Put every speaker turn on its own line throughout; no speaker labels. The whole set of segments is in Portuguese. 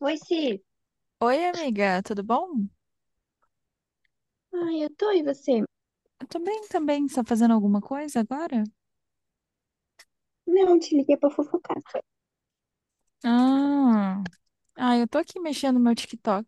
Oi, Si.
Oi, amiga, tudo bom?
Ai, eu tô, e você?
Eu tô bem também. Você tá fazendo alguma coisa agora?
Não, te liguei pra fofocar.
Ah, eu tô aqui mexendo no meu TikTok.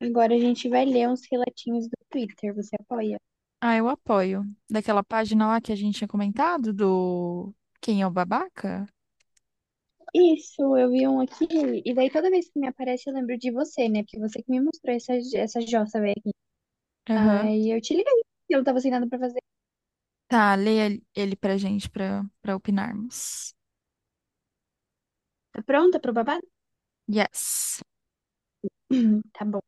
Agora a gente vai ler uns relatinhos do Twitter, você apoia?
Ah, eu apoio. Daquela página lá que a gente tinha comentado do Quem é o Babaca?
Isso, eu vi um aqui, e daí toda vez que me aparece eu lembro de você, né? Porque você que me mostrou essa jossa velha aqui.
Aham.
Aí eu te liguei, eu não tava sem nada pra fazer.
Tá, leia ele pra gente pra opinarmos.
Tá pronta pro babado?
Yes.
Tá bom.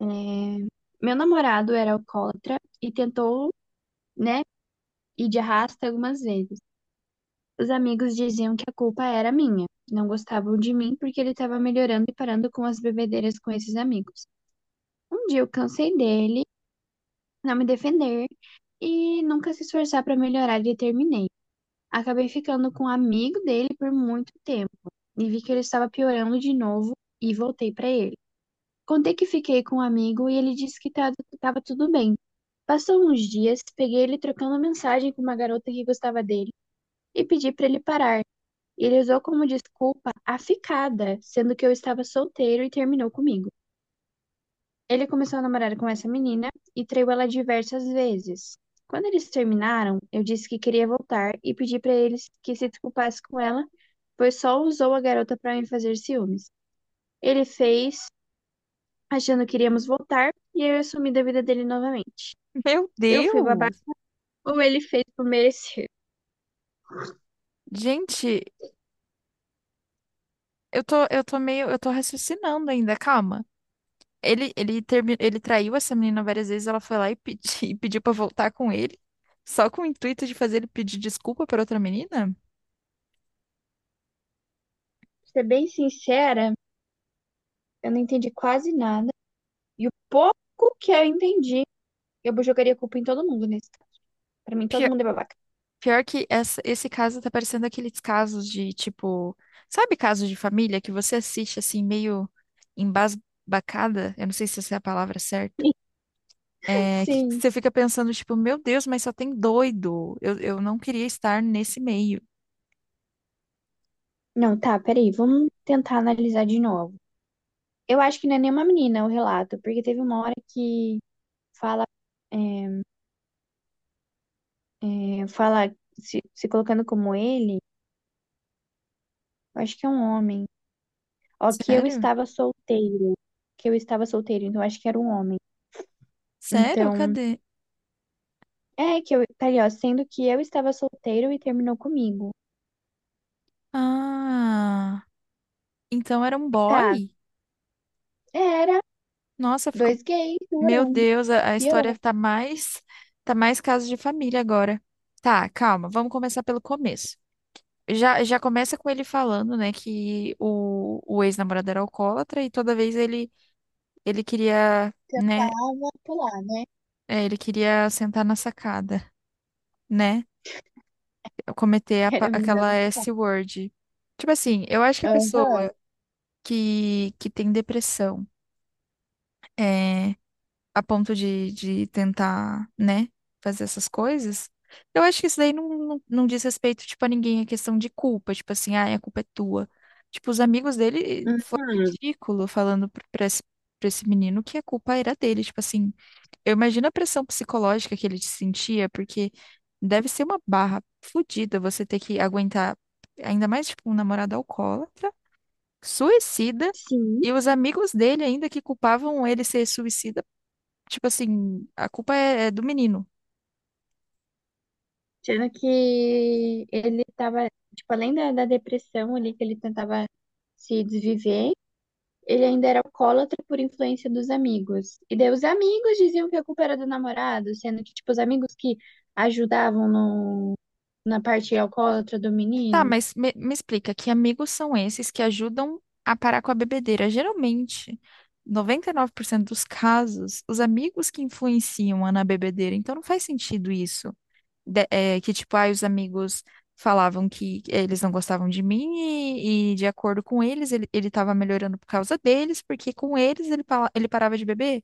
É, Meu namorado era alcoólatra e tentou, né, ir de arrasta algumas vezes. Os amigos diziam que a culpa era minha. Não gostavam de mim porque ele estava melhorando e parando com as bebedeiras com esses amigos. Um dia eu cansei dele, não me defender e nunca se esforçar para melhorar e terminei. Acabei ficando com um amigo dele por muito tempo e vi que ele estava piorando de novo e voltei para ele. Contei que fiquei com um amigo e ele disse que estava tudo bem. Passou uns dias, peguei ele trocando mensagem com uma garota que gostava dele e pedi para ele parar e ele usou como desculpa a ficada, sendo que eu estava solteiro e terminou comigo. Ele começou a namorar com essa menina e traiu ela diversas vezes. Quando eles terminaram, eu disse que queria voltar e pedi para eles que se desculpasse com ela, pois só usou a garota para me fazer ciúmes. Ele fez, achando que iríamos voltar, e eu assumi da vida dele novamente.
Meu
Eu fui babaca
Deus!
ou ele fez por merecer.
Gente, eu tô raciocinando ainda, calma. Ele traiu essa menina várias vezes, ela foi lá e e pediu pra voltar com ele, só com o intuito de fazer ele pedir desculpa pra outra menina?
Pra ser bem sincera, eu não entendi quase nada, e o pouco que eu entendi eu jogaria culpa em todo mundo nesse. Caso. Pra mim, todo
Pior,
mundo é babaca.
pior que esse caso tá parecendo aqueles casos de, tipo, sabe casos de família que você assiste assim, meio embasbacada? Eu não sei se essa é a palavra certa. É, que
Sim.
você fica pensando, tipo, meu Deus, mas só tem doido. Eu não queria estar nesse meio.
Não, tá, peraí, vamos tentar analisar de novo. Eu acho que não é nenhuma menina o relato, porque teve uma hora que fala, é, fala se colocando como ele, eu acho que é um homem. Ó, que eu
Sério?
estava solteiro, que eu estava solteiro, então eu acho que era um homem.
Sério?
Então,
Cadê?
é que eu, tá ali, ó, sendo que eu estava solteiro e terminou comigo.
Ah, então era um
Tá,
boy?
era,
Nossa, ficou.
dois gays,
Meu
durão,
Deus, a história
piorou,
tá mais caso de família agora. Tá, calma, vamos começar pelo começo. Já começa com ele falando, né, que o ex-namorado era alcoólatra e toda vez ele queria, né,
tava, pular, né?
ele queria sentar na sacada, né? Cometer a
Era a menina
aquela
do sapato.
S-word. Tipo assim, eu acho que a
Aham.
pessoa que tem depressão é, a ponto de tentar, né, fazer essas coisas. Eu acho que isso daí não diz respeito, tipo, a ninguém, é questão de culpa, tipo assim, ah, a culpa é tua. Tipo, os amigos dele foi
Uhum.
ridículo falando pra esse, pra esse menino que a culpa era dele, tipo assim, eu imagino a pressão psicológica que ele sentia, porque deve ser uma barra fodida você ter que aguentar, ainda mais, tipo, um namorado alcoólatra, suicida,
Sim.
e os amigos dele ainda que culpavam ele ser suicida. Tipo assim, a culpa é do menino.
Sendo que ele tava, tipo, além da depressão ali, que ele tentava se desviver, ele ainda era alcoólatra por influência dos amigos. E daí os amigos diziam que a culpa era do namorado, sendo que, tipo, os amigos que ajudavam no, na parte alcoólatra do
Tá,
menino.
mas me explica, que amigos são esses que ajudam a parar com a bebedeira? Geralmente, 99% dos casos, os amigos que influenciam a na bebedeira. Então não faz sentido isso. Que tipo, ai, os amigos falavam que eles não gostavam de mim e de acordo com eles, ele tava melhorando por causa deles, porque com eles ele parava de beber?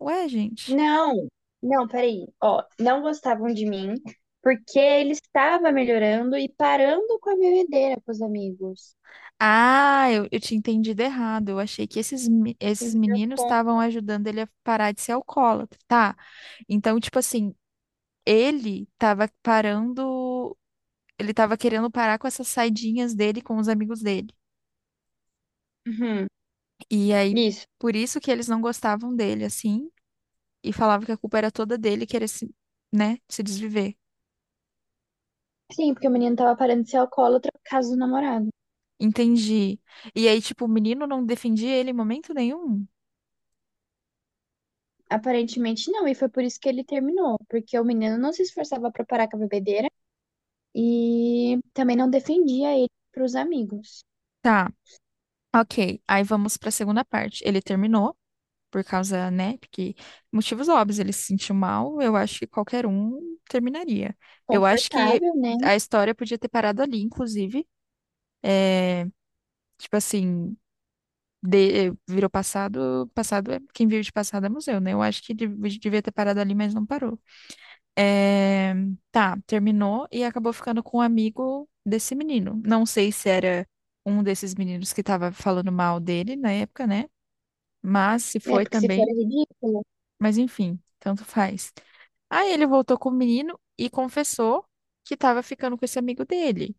Ué, gente.
Não, não, peraí. Ó, não gostavam de mim, porque ele estava melhorando e parando com a bebedeira com os amigos.
Ah, eu tinha entendido errado. Eu achei que
Meu
esses
Deus,
meninos
como?
estavam ajudando ele a parar de ser alcoólatra. Tá. Então, tipo assim, ele tava parando. Ele tava querendo parar com essas saidinhas dele com os amigos dele.
Uhum.
E aí,
Isso.
por isso que eles não gostavam dele, assim, e falavam que a culpa era toda dele querer se, né, se desviver.
Sim, porque o menino tava parando de ser alcoólatra por causa do namorado.
Entendi. E aí, tipo, o menino não defendia ele em momento nenhum.
Aparentemente não, e foi por isso que ele terminou, porque o menino não se esforçava pra parar com a bebedeira e também não defendia ele pros amigos.
Tá, ok. Aí vamos pra segunda parte. Ele terminou por causa, né? Porque motivos óbvios, ele se sentiu mal, eu acho que qualquer um terminaria. Eu acho que
Confortável, né?
a história podia ter parado ali, inclusive. É, tipo assim, virou passado, passado é quem vive de passado é museu, né? Eu acho que devia ter parado ali, mas não parou. É, tá, terminou e acabou ficando com um amigo desse menino. Não sei se era um desses meninos que tava falando mal dele na época, né? Mas se
É
foi
porque se for
também.
é ridículo.
Mas enfim, tanto faz. Aí ele voltou com o menino e confessou que tava ficando com esse amigo dele.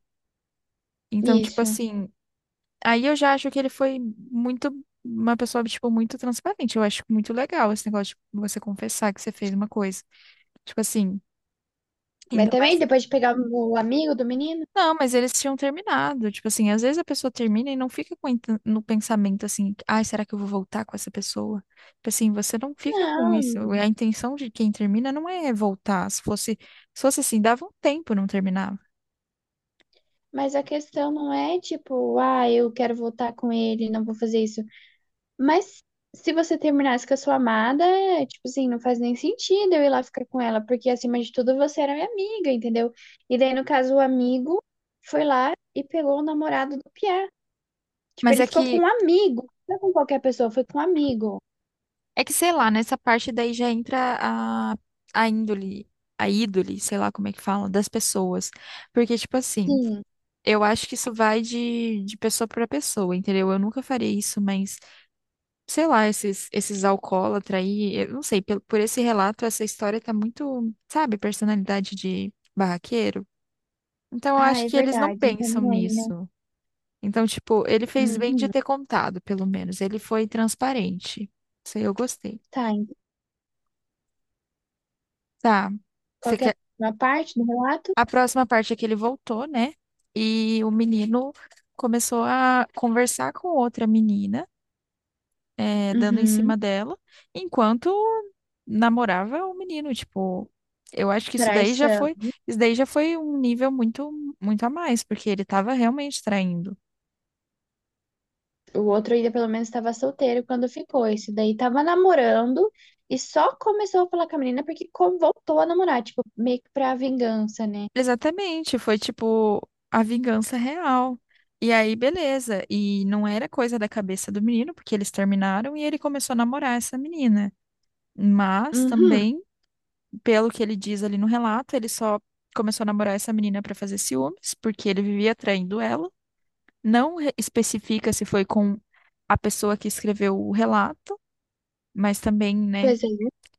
Então, tipo
Isso.
assim, aí eu já acho que ele foi muito, uma pessoa, tipo, muito transparente. Eu acho muito legal esse negócio de você confessar que você fez uma coisa. Tipo assim,
Mas
ainda
também
mais.
depois de pegar o amigo do menino?
Não, mas eles tinham terminado. Tipo assim, às vezes a pessoa termina e não fica com no pensamento assim, ai, será que eu vou voltar com essa pessoa? Tipo assim, você não fica com isso.
Não.
A intenção de quem termina não é voltar. Se fosse assim, dava um tempo, não terminava.
Mas a questão não é tipo, ah, eu quero voltar com ele, não vou fazer isso. Mas se você terminasse com a sua amada, é, tipo assim, não faz nem sentido eu ir lá ficar com ela, porque acima de tudo você era minha amiga, entendeu? E daí, no caso, o amigo foi lá e pegou o namorado do Pierre. Tipo,
Mas
ele ficou com um amigo, não com qualquer pessoa, foi com um amigo.
é que sei lá, nessa parte daí já entra a, a índole, a ídole, sei lá como é que fala, das pessoas. Porque, tipo assim,
Sim.
eu acho que isso vai de pessoa para pessoa, entendeu? Eu nunca faria isso, mas. Sei lá, esses alcoólatra aí, eu não sei, pelo, por esse relato, essa história tá muito, sabe, personalidade de barraqueiro. Então, eu
Ah,
acho
é
que eles não
verdade, não tá
pensam
nem aí, né?
nisso. Então, tipo, ele fez bem de
Uhum.
ter contado, pelo menos. Ele foi transparente. Isso aí eu gostei.
Tá, então,
Tá. Você
qualquer
quer...
uma parte do relato?
A próxima parte é que ele voltou, né? E o menino começou a conversar com outra menina. É, dando em
Uhum.
cima dela, enquanto namorava o menino, tipo, eu acho que
Traição.
isso daí já foi um nível muito, muito a mais, porque ele tava realmente traindo.
O outro ainda pelo menos estava solteiro quando ficou. Esse daí tava namorando e só começou a falar com a menina porque co- voltou a namorar, tipo, meio que pra vingança, né?
Exatamente, foi tipo a vingança real. E aí, beleza, e não era coisa da cabeça do menino, porque eles terminaram e ele começou a namorar essa menina. Mas
Uhum,
também, pelo que ele diz ali no relato, ele só começou a namorar essa menina para fazer ciúmes, porque ele vivia traindo ela. Especifica se foi com a pessoa que escreveu o relato, mas também, né,
pois é.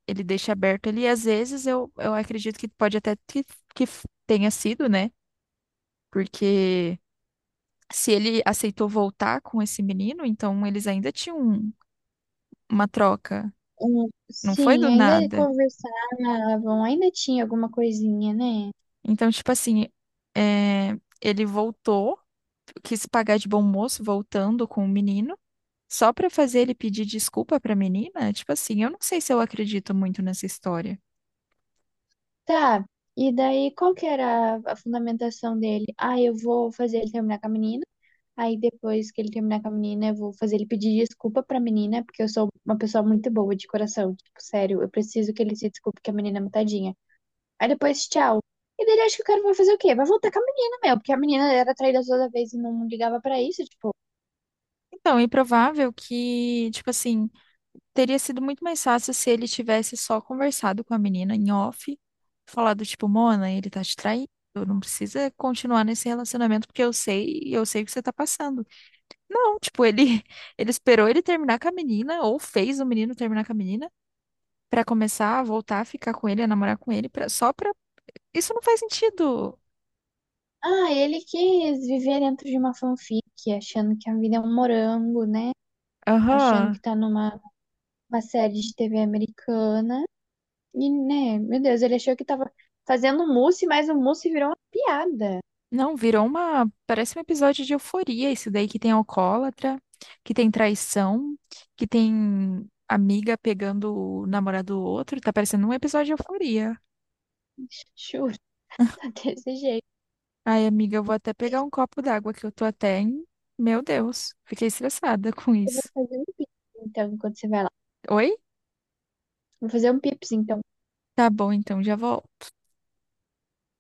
ele deixa aberto ali. Às vezes eu acredito que pode até tenha sido, né? Porque se ele aceitou voltar com esse menino, então eles ainda tinham uma troca.
Um-
Não foi do
sim, ainda
nada.
conversavam, ainda tinha alguma coisinha, né?
Então, tipo assim, é, ele voltou, quis pagar de bom moço voltando com o menino. Só pra fazer ele pedir desculpa pra menina? Tipo assim, eu não sei se eu acredito muito nessa história.
Tá. E daí, qual que era a fundamentação dele? Ah, eu vou fazer ele terminar com a menina. Aí depois que ele terminar com a menina, eu vou fazer ele pedir desculpa pra menina, porque eu sou uma pessoa muito boa de coração. Tipo, sério, eu preciso que ele se desculpe que a menina é mutadinha. Aí depois, tchau. E dele acho que o cara vai fazer o quê? Vai voltar com a menina, meu, porque a menina era traída toda vez e não ligava pra isso, tipo.
Então, é improvável que, tipo assim, teria sido muito mais fácil se ele tivesse só conversado com a menina em off, falado, tipo, Mona, ele tá te traindo, não precisa continuar nesse relacionamento porque eu sei o que você tá passando. Não, tipo, ele, ele esperou ele terminar com a menina, ou fez o menino terminar com a menina, pra começar a voltar a ficar com ele, a namorar com ele, só pra. Isso não faz sentido.
Ah, ele quis viver dentro de uma fanfic, achando que a vida é um morango, né? Achando que
Aham.
tá numa uma série de TV americana. E, né, meu Deus, ele achou que tava fazendo um mousse, mas o mousse virou uma piada.
Não, virou uma. Parece um episódio de euforia, isso daí que tem alcoólatra, que tem traição, que tem amiga pegando o namorado do outro. Tá parecendo um episódio de euforia.
Chu. Tá desse jeito.
Ai, amiga, eu vou até pegar um copo d'água que eu tô até em. Meu Deus, fiquei estressada com
Eu vou
isso.
fazer um pips, então, enquanto você vai lá.
Oi?
Vou fazer um pips, então.
Tá bom, então já volto.